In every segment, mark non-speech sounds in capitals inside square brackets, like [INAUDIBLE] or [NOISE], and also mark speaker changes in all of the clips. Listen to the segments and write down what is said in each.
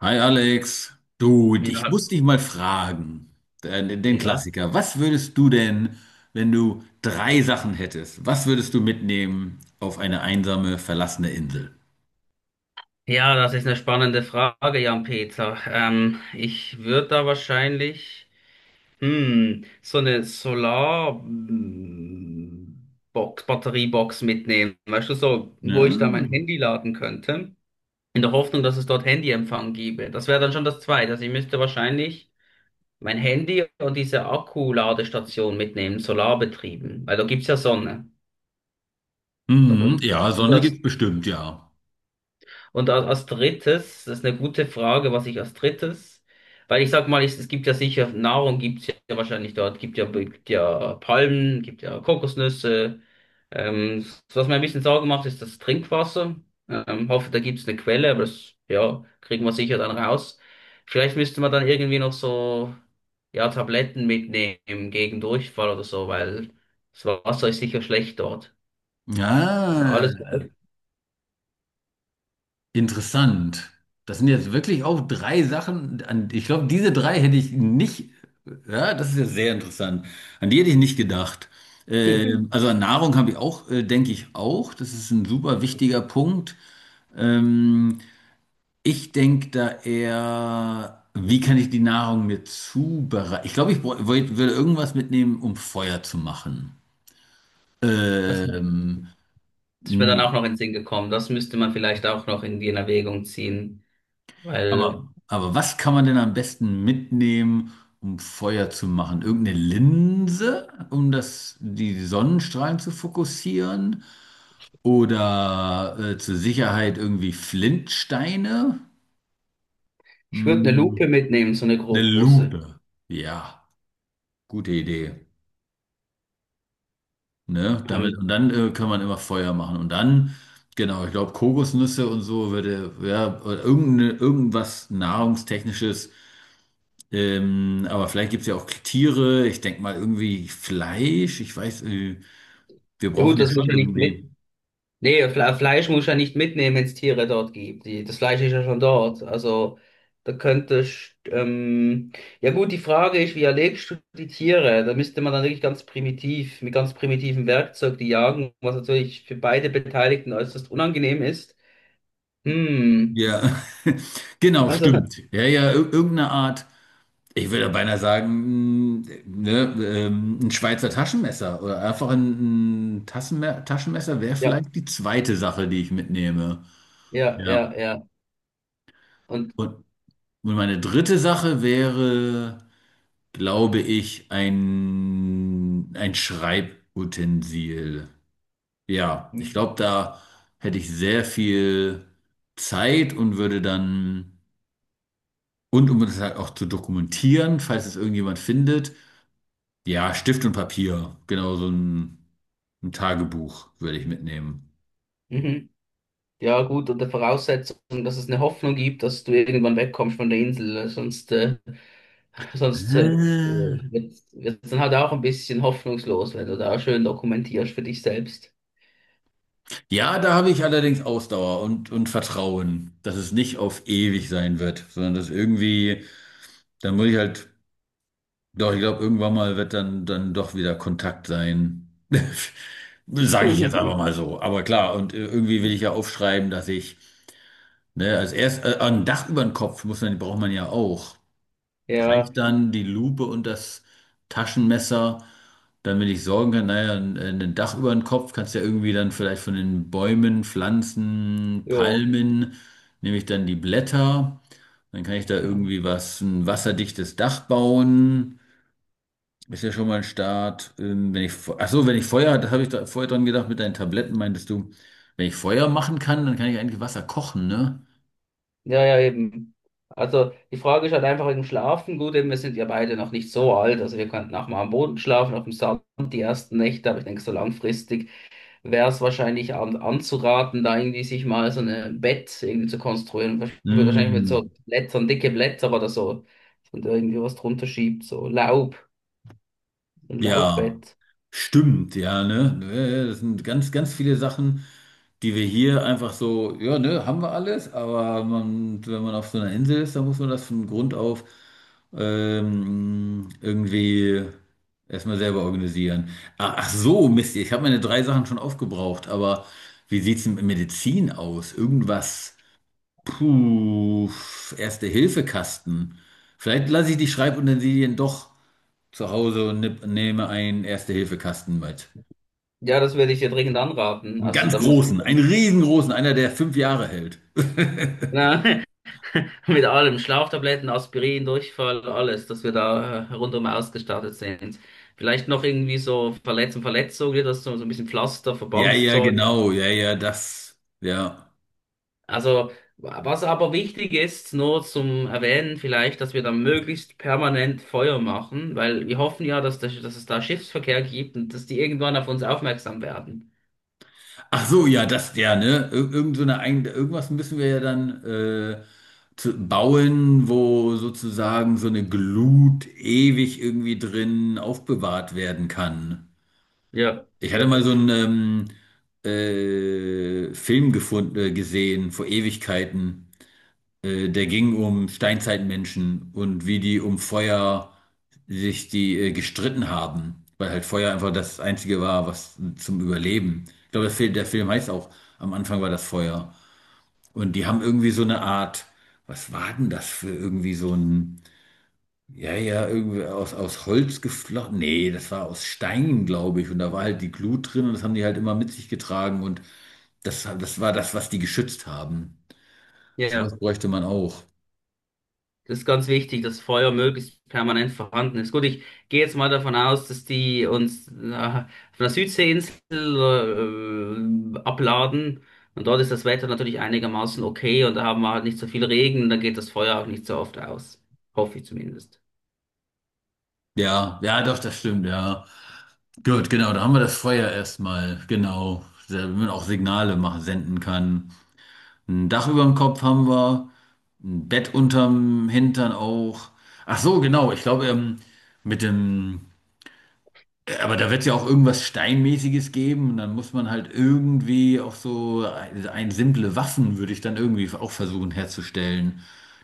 Speaker 1: Hi Alex, du,
Speaker 2: Ja,
Speaker 1: ich muss dich mal fragen, den
Speaker 2: ja.
Speaker 1: Klassiker. Was würdest du denn, wenn du drei Sachen hättest, was würdest du mitnehmen auf eine einsame, verlassene Insel?
Speaker 2: Ja, das ist eine spannende Frage, Jan-Peter. Ich würde da wahrscheinlich so eine Solar-Box, Batteriebox mitnehmen. Weißt du, so,
Speaker 1: Ja,
Speaker 2: wo ich da mein Handy laden könnte, in der Hoffnung, dass es dort Handyempfang gäbe. Das wäre dann schon das Zweite. Also ich müsste wahrscheinlich mein Handy und diese Akkuladestation mitnehmen, solarbetrieben, weil da gibt's ja Sonne.
Speaker 1: mhm,
Speaker 2: Und
Speaker 1: ja Sonne
Speaker 2: das
Speaker 1: gibt's bestimmt, ja.
Speaker 2: Als drittes, das ist eine gute Frage, was ich als drittes, weil ich sag mal, es gibt ja sicher, Nahrung gibt's ja wahrscheinlich dort, gibt ja Palmen, gibt ja Kokosnüsse. Ähm, Was mir ein bisschen Sorgen macht, ist das Trinkwasser. Hoffe, da gibt's eine Quelle, aber das, ja, kriegen wir sicher dann raus. Vielleicht müsste man dann irgendwie noch so, ja, Tabletten mitnehmen gegen Durchfall oder so, weil das Wasser ist sicher schlecht dort. Und alles.
Speaker 1: Ja. Interessant. Das sind jetzt wirklich auch drei Sachen, ich glaube, diese drei hätte ich nicht, ja, das ist ja sehr interessant. An die hätte ich nicht gedacht.
Speaker 2: [LAUGHS]
Speaker 1: Also an Nahrung habe ich auch, denke ich auch. Das ist ein super wichtiger Punkt. Ähm, Ich denke da eher, wie kann ich die Nahrung mir zubereiten? Ich glaube, ich würde irgendwas mitnehmen, um Feuer zu machen.
Speaker 2: Das
Speaker 1: Ähm,
Speaker 2: Das ist mir dann auch noch in den Sinn gekommen. Das müsste man vielleicht auch noch irgendwie in Erwägung ziehen, weil
Speaker 1: aber was kann man denn am besten mitnehmen, um Feuer zu machen? Irgendeine Linse, um die Sonnenstrahlen zu fokussieren? Oder zur Sicherheit irgendwie Flintsteine?
Speaker 2: ich würde eine
Speaker 1: Hm,
Speaker 2: Lupe mitnehmen, so eine
Speaker 1: eine
Speaker 2: große.
Speaker 1: Lupe. Ja, gute Idee. Ne? Damit, und
Speaker 2: Ähm,
Speaker 1: dann kann man immer Feuer machen. Und dann, genau, ich glaube, Kokosnüsse und so würde, ja, oder irgendeine, irgendwas Nahrungstechnisches. Aber vielleicht gibt es ja auch Tiere. Ich denke mal irgendwie Fleisch. Ich weiß, wir
Speaker 2: ja
Speaker 1: brauchen
Speaker 2: gut,
Speaker 1: ja
Speaker 2: das muss
Speaker 1: schon
Speaker 2: ja nicht
Speaker 1: irgendwie.
Speaker 2: mit. Nee, Fleisch muss ja nicht mitnehmen, wenn es Tiere dort gibt. Die, das Fleisch ist ja schon dort. Also da könnte ich, ja gut, die Frage ist, wie erlegst du die Tiere? Da müsste man dann wirklich ganz primitiv, mit ganz primitivem Werkzeug die jagen, was natürlich für beide Beteiligten äußerst unangenehm ist. Hm.
Speaker 1: Ja, [LAUGHS] genau,
Speaker 2: Also, [LAUGHS]
Speaker 1: stimmt. Ja, ja, irgendeine Art. Ich würde beinahe sagen, ne, ein Schweizer Taschenmesser oder einfach ein Tassenme Taschenmesser wäre
Speaker 2: ja,
Speaker 1: vielleicht die zweite Sache, die ich mitnehme.
Speaker 2: ja, ja,
Speaker 1: Ja.
Speaker 2: ja. Und
Speaker 1: Und, und meine dritte Sache wäre, glaube ich, ein Schreibutensil. Ja, ich glaube, da hätte ich sehr viel Zeit und würde dann, und um das halt auch zu dokumentieren, falls es irgendjemand findet, ja, Stift und Papier, genau so ein Tagebuch würde ich mitnehmen.
Speaker 2: mhm. Ja, gut, unter Voraussetzung, dass es eine Hoffnung gibt, dass du irgendwann wegkommst von der Insel. [LAUGHS] Sonst
Speaker 1: Ah.
Speaker 2: wird es dann halt auch ein bisschen hoffnungslos, wenn du da schön dokumentierst für dich selbst.
Speaker 1: Ja, da habe ich allerdings Ausdauer und Vertrauen, dass es nicht auf ewig sein wird, sondern dass irgendwie, dann muss ich halt. Doch, ich glaube, irgendwann mal wird dann doch wieder Kontakt sein. [LAUGHS] Sage ich jetzt einfach mal
Speaker 2: [LAUGHS]
Speaker 1: so. Aber klar, und irgendwie will ich ja aufschreiben, dass ich, ne, als erst ein Dach über den Kopf muss man, braucht man ja auch.
Speaker 2: Ja,
Speaker 1: Reicht dann die Lupe und das Taschenmesser, damit ich sorgen kann, naja, ein Dach über den Kopf kannst du ja irgendwie dann vielleicht von den Bäumen, Pflanzen,
Speaker 2: jo.
Speaker 1: Palmen, nehme ich dann die Blätter, dann kann ich da
Speaker 2: Ja, genau.
Speaker 1: irgendwie was, ein wasserdichtes Dach bauen. Ist ja schon mal ein Start. Wenn ich, Fe- Ach so, wenn ich Feuer, das habe ich da vorher dran gedacht mit deinen Tabletten, meintest du, wenn ich Feuer machen kann, dann kann ich eigentlich Wasser kochen, ne?
Speaker 2: Ja, ja, eben. Also die Frage ist halt einfach wegen dem Schlafen. Gut, eben, wir sind ja beide noch nicht so alt. Also wir könnten auch mal am Boden schlafen, auf dem Sand die ersten Nächte, aber ich denke, so langfristig wäre es wahrscheinlich anzuraten, da irgendwie sich mal so ein Bett irgendwie zu konstruieren.
Speaker 1: Ja.
Speaker 2: Wahrscheinlich mit so
Speaker 1: Mm,
Speaker 2: Blättern, dicke Blätter oder so, dass man da irgendwie was drunter schiebt, so Laub, ein
Speaker 1: ja.
Speaker 2: Laubbett.
Speaker 1: Stimmt, ja, ne? Ja, ja. Das sind ganz, ganz viele Sachen, die wir hier einfach so, ja, ne, haben wir alles, aber man, wenn man auf so einer Insel ist, dann muss man das von Grund auf irgendwie erstmal selber organisieren. Ach so, Mist, ich habe meine drei Sachen schon aufgebraucht, aber wie sieht's denn mit Medizin aus? Irgendwas, puh, Erste-Hilfe-Kasten. Vielleicht lasse ich die Schreibutensilien doch zu Hause und nehme einen Erste-Hilfe-Kasten mit.
Speaker 2: Ja, das würde ich dir dringend anraten.
Speaker 1: Einen
Speaker 2: Also
Speaker 1: ganz
Speaker 2: da muss man
Speaker 1: großen, einen
Speaker 2: dann,
Speaker 1: riesengroßen, einer, der 5 Jahre hält. [LAUGHS]
Speaker 2: na, [LAUGHS] mit allem, Schlaftabletten, Aspirin, Durchfall, alles, dass wir da rundum ausgestattet sind. Vielleicht noch irgendwie so Verletzung, Verletzung, das so, so ein bisschen Pflaster,
Speaker 1: Ja, ja,
Speaker 2: Verbandszeug.
Speaker 1: genau, ja, ja, das, ja.
Speaker 2: Also, was aber wichtig ist, nur zum Erwähnen vielleicht, dass wir da möglichst permanent Feuer machen, weil wir hoffen ja, dass, das, dass es da Schiffsverkehr gibt und dass die irgendwann auf uns aufmerksam werden.
Speaker 1: Ach so, ja, das, ja, ne? Ir irgend so eine, irgendwas müssen wir ja dann zu bauen, wo sozusagen so eine Glut ewig irgendwie drin aufbewahrt werden kann.
Speaker 2: Ja,
Speaker 1: Ich hatte
Speaker 2: ja,
Speaker 1: mal so einen Film gefunden, gesehen vor Ewigkeiten. Der ging um Steinzeitmenschen und wie die um Feuer sich die gestritten haben, weil halt Feuer einfach das Einzige war, was zum Überleben. Ich glaube, der Film heißt auch, am Anfang war das Feuer. Und die haben irgendwie so eine Art, was war denn das für irgendwie so ein, ja, ja, irgendwie aus Holz geflochten. Nee, das war aus Steinen, glaube ich. Und da war halt die Glut drin und das haben die halt immer mit sich getragen und das war das, was die geschützt haben.
Speaker 2: ja, ja.
Speaker 1: Sowas bräuchte man auch.
Speaker 2: Das ist ganz wichtig, dass Feuer möglichst permanent vorhanden ist. Gut, ich gehe jetzt mal davon aus, dass die uns auf einer Südseeinsel abladen und dort ist das Wetter natürlich einigermaßen okay und da haben wir halt nicht so viel Regen und da geht das Feuer auch nicht so oft aus. Hoffe ich zumindest.
Speaker 1: Ja, ja, doch, das stimmt, ja. Gut, genau, da haben wir das Feuer erstmal, genau, damit man auch Signale machen, senden kann. Ein Dach über dem Kopf haben wir, ein Bett unterm Hintern auch. Ach so, genau, ich glaube, mit dem, aber da wird ja auch irgendwas Steinmäßiges geben und dann muss man halt irgendwie auch so ein simple Waffen würde ich dann irgendwie auch versuchen herzustellen,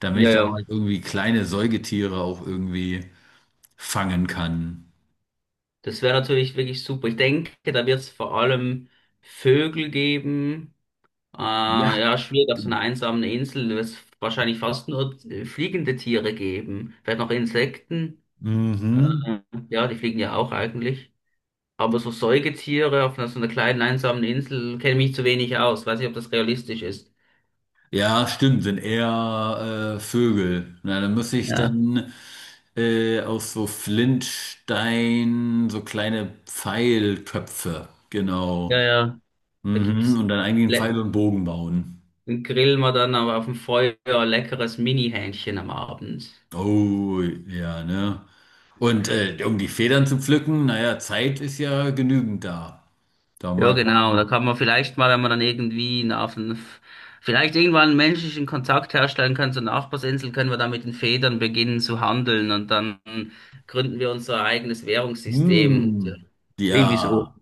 Speaker 1: damit
Speaker 2: Ja,
Speaker 1: ich da
Speaker 2: ja.
Speaker 1: halt irgendwie kleine Säugetiere auch irgendwie fangen kann.
Speaker 2: Das wäre natürlich wirklich super. Ich denke, da wird es vor allem Vögel geben.
Speaker 1: Ja.
Speaker 2: Ja, schwierig auf so einer einsamen Insel. Da wird es wahrscheinlich fast nur fliegende Tiere geben. Vielleicht noch Insekten.
Speaker 1: Mhm.
Speaker 2: Äh, ja, die fliegen ja auch eigentlich. Aber so Säugetiere so einer kleinen einsamen Insel kenne ich mich zu wenig aus. Weiß nicht, ob das realistisch ist.
Speaker 1: Ja, stimmt, sind eher Vögel. Na, dann muss ich
Speaker 2: Ja,
Speaker 1: dann aus so Flintstein so kleine Pfeilköpfe,
Speaker 2: ja,
Speaker 1: genau.
Speaker 2: ja. Da
Speaker 1: Mhm.
Speaker 2: gibt's
Speaker 1: Und dann eigentlich einen Pfeil
Speaker 2: le-
Speaker 1: und Bogen bauen.
Speaker 2: dann grillen wir dann aber auf dem Feuer leckeres Mini-Hähnchen am Abend.
Speaker 1: Oh, ja, ne? Und um die Federn zu pflücken, naja, Zeit ist ja genügend da. Da
Speaker 2: Ja,
Speaker 1: mal kann man
Speaker 2: genau.
Speaker 1: sich.
Speaker 2: Da kann man vielleicht mal, wenn man dann irgendwie vielleicht irgendwann einen menschlichen Kontakt herstellen können zur Nachbarsinsel, können wir dann mit den Federn beginnen zu handeln und dann gründen wir unser eigenes Währungssystem.
Speaker 1: Hm.
Speaker 2: Irgendwie so.
Speaker 1: Ja.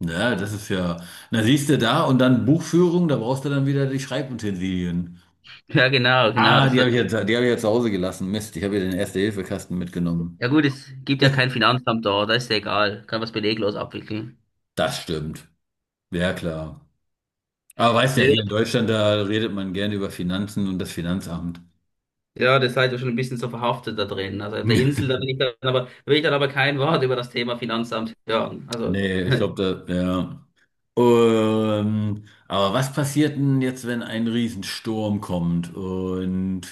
Speaker 1: Ne, das ist ja. Na, siehst du da und dann Buchführung, da brauchst du dann wieder die Schreibutensilien.
Speaker 2: Ja, genau, genau.
Speaker 1: Ah,
Speaker 2: Das
Speaker 1: die
Speaker 2: wird,
Speaker 1: habe ich jetzt, die habe ich jetzt zu Hause gelassen. Mist, ich habe ja den Erste-Hilfe-Kasten mitgenommen.
Speaker 2: ja gut, es gibt ja kein
Speaker 1: [LAUGHS]
Speaker 2: Finanzamt da, da ist ja egal. Kann was beleglos abwickeln.
Speaker 1: Das stimmt. Ja, klar. Aber weißt
Speaker 2: Ja,
Speaker 1: ja, hier in Deutschland, da redet man gerne über Finanzen und das Finanzamt.
Speaker 2: ja, das seid ihr schon ein bisschen so verhaftet da drin. Also auf der Insel,
Speaker 1: [LAUGHS]
Speaker 2: da will ich dann aber kein Wort über das Thema Finanzamt hören. Also,
Speaker 1: Nee, ich
Speaker 2: [LAUGHS]
Speaker 1: glaube, da, ja. Aber was passiert denn jetzt, wenn ein Riesensturm kommt? Und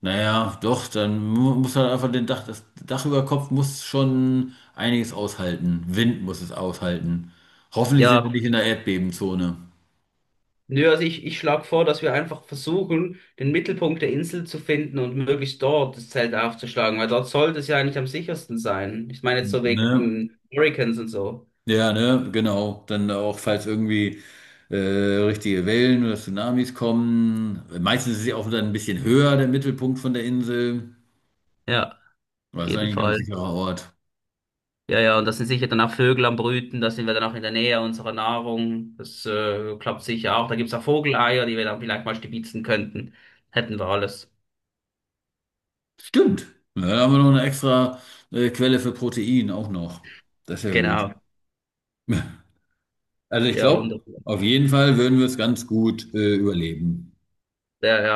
Speaker 1: naja, doch, dann muss halt einfach das Dach über Kopf muss schon einiges aushalten. Wind muss es aushalten. Hoffentlich sind wir
Speaker 2: ja.
Speaker 1: nicht in der Erdbebenzone.
Speaker 2: Nö, also ich schlage vor, dass wir einfach versuchen, den Mittelpunkt der Insel zu finden und möglichst dort das Zelt aufzuschlagen, weil dort sollte es ja eigentlich am sichersten sein. Ich meine jetzt so
Speaker 1: Ne?
Speaker 2: wegen Hurricanes und so.
Speaker 1: Ja, ne, genau. Dann auch, falls irgendwie richtige Wellen oder Tsunamis kommen. Meistens ist sie auch dann ein bisschen höher, der Mittelpunkt von der Insel.
Speaker 2: Ja, auf
Speaker 1: Das ist
Speaker 2: jeden
Speaker 1: eigentlich ein ganz
Speaker 2: Fall.
Speaker 1: sicherer Ort.
Speaker 2: Ja, ja, und da sind sicher dann auch Vögel am Brüten, da sind wir dann auch in der Nähe unserer Nahrung. Das klappt sicher auch. Da gibt's auch Vogeleier, die wir dann vielleicht mal stibitzen könnten. Hätten wir alles.
Speaker 1: Stimmt. Ja, da haben wir noch eine extra Quelle für Protein auch noch. Das ist ja gut.
Speaker 2: Genau.
Speaker 1: Also ich
Speaker 2: Ja,
Speaker 1: glaube,
Speaker 2: wunderbar.
Speaker 1: auf jeden Fall würden wir es ganz gut überleben.
Speaker 2: Ja, ja.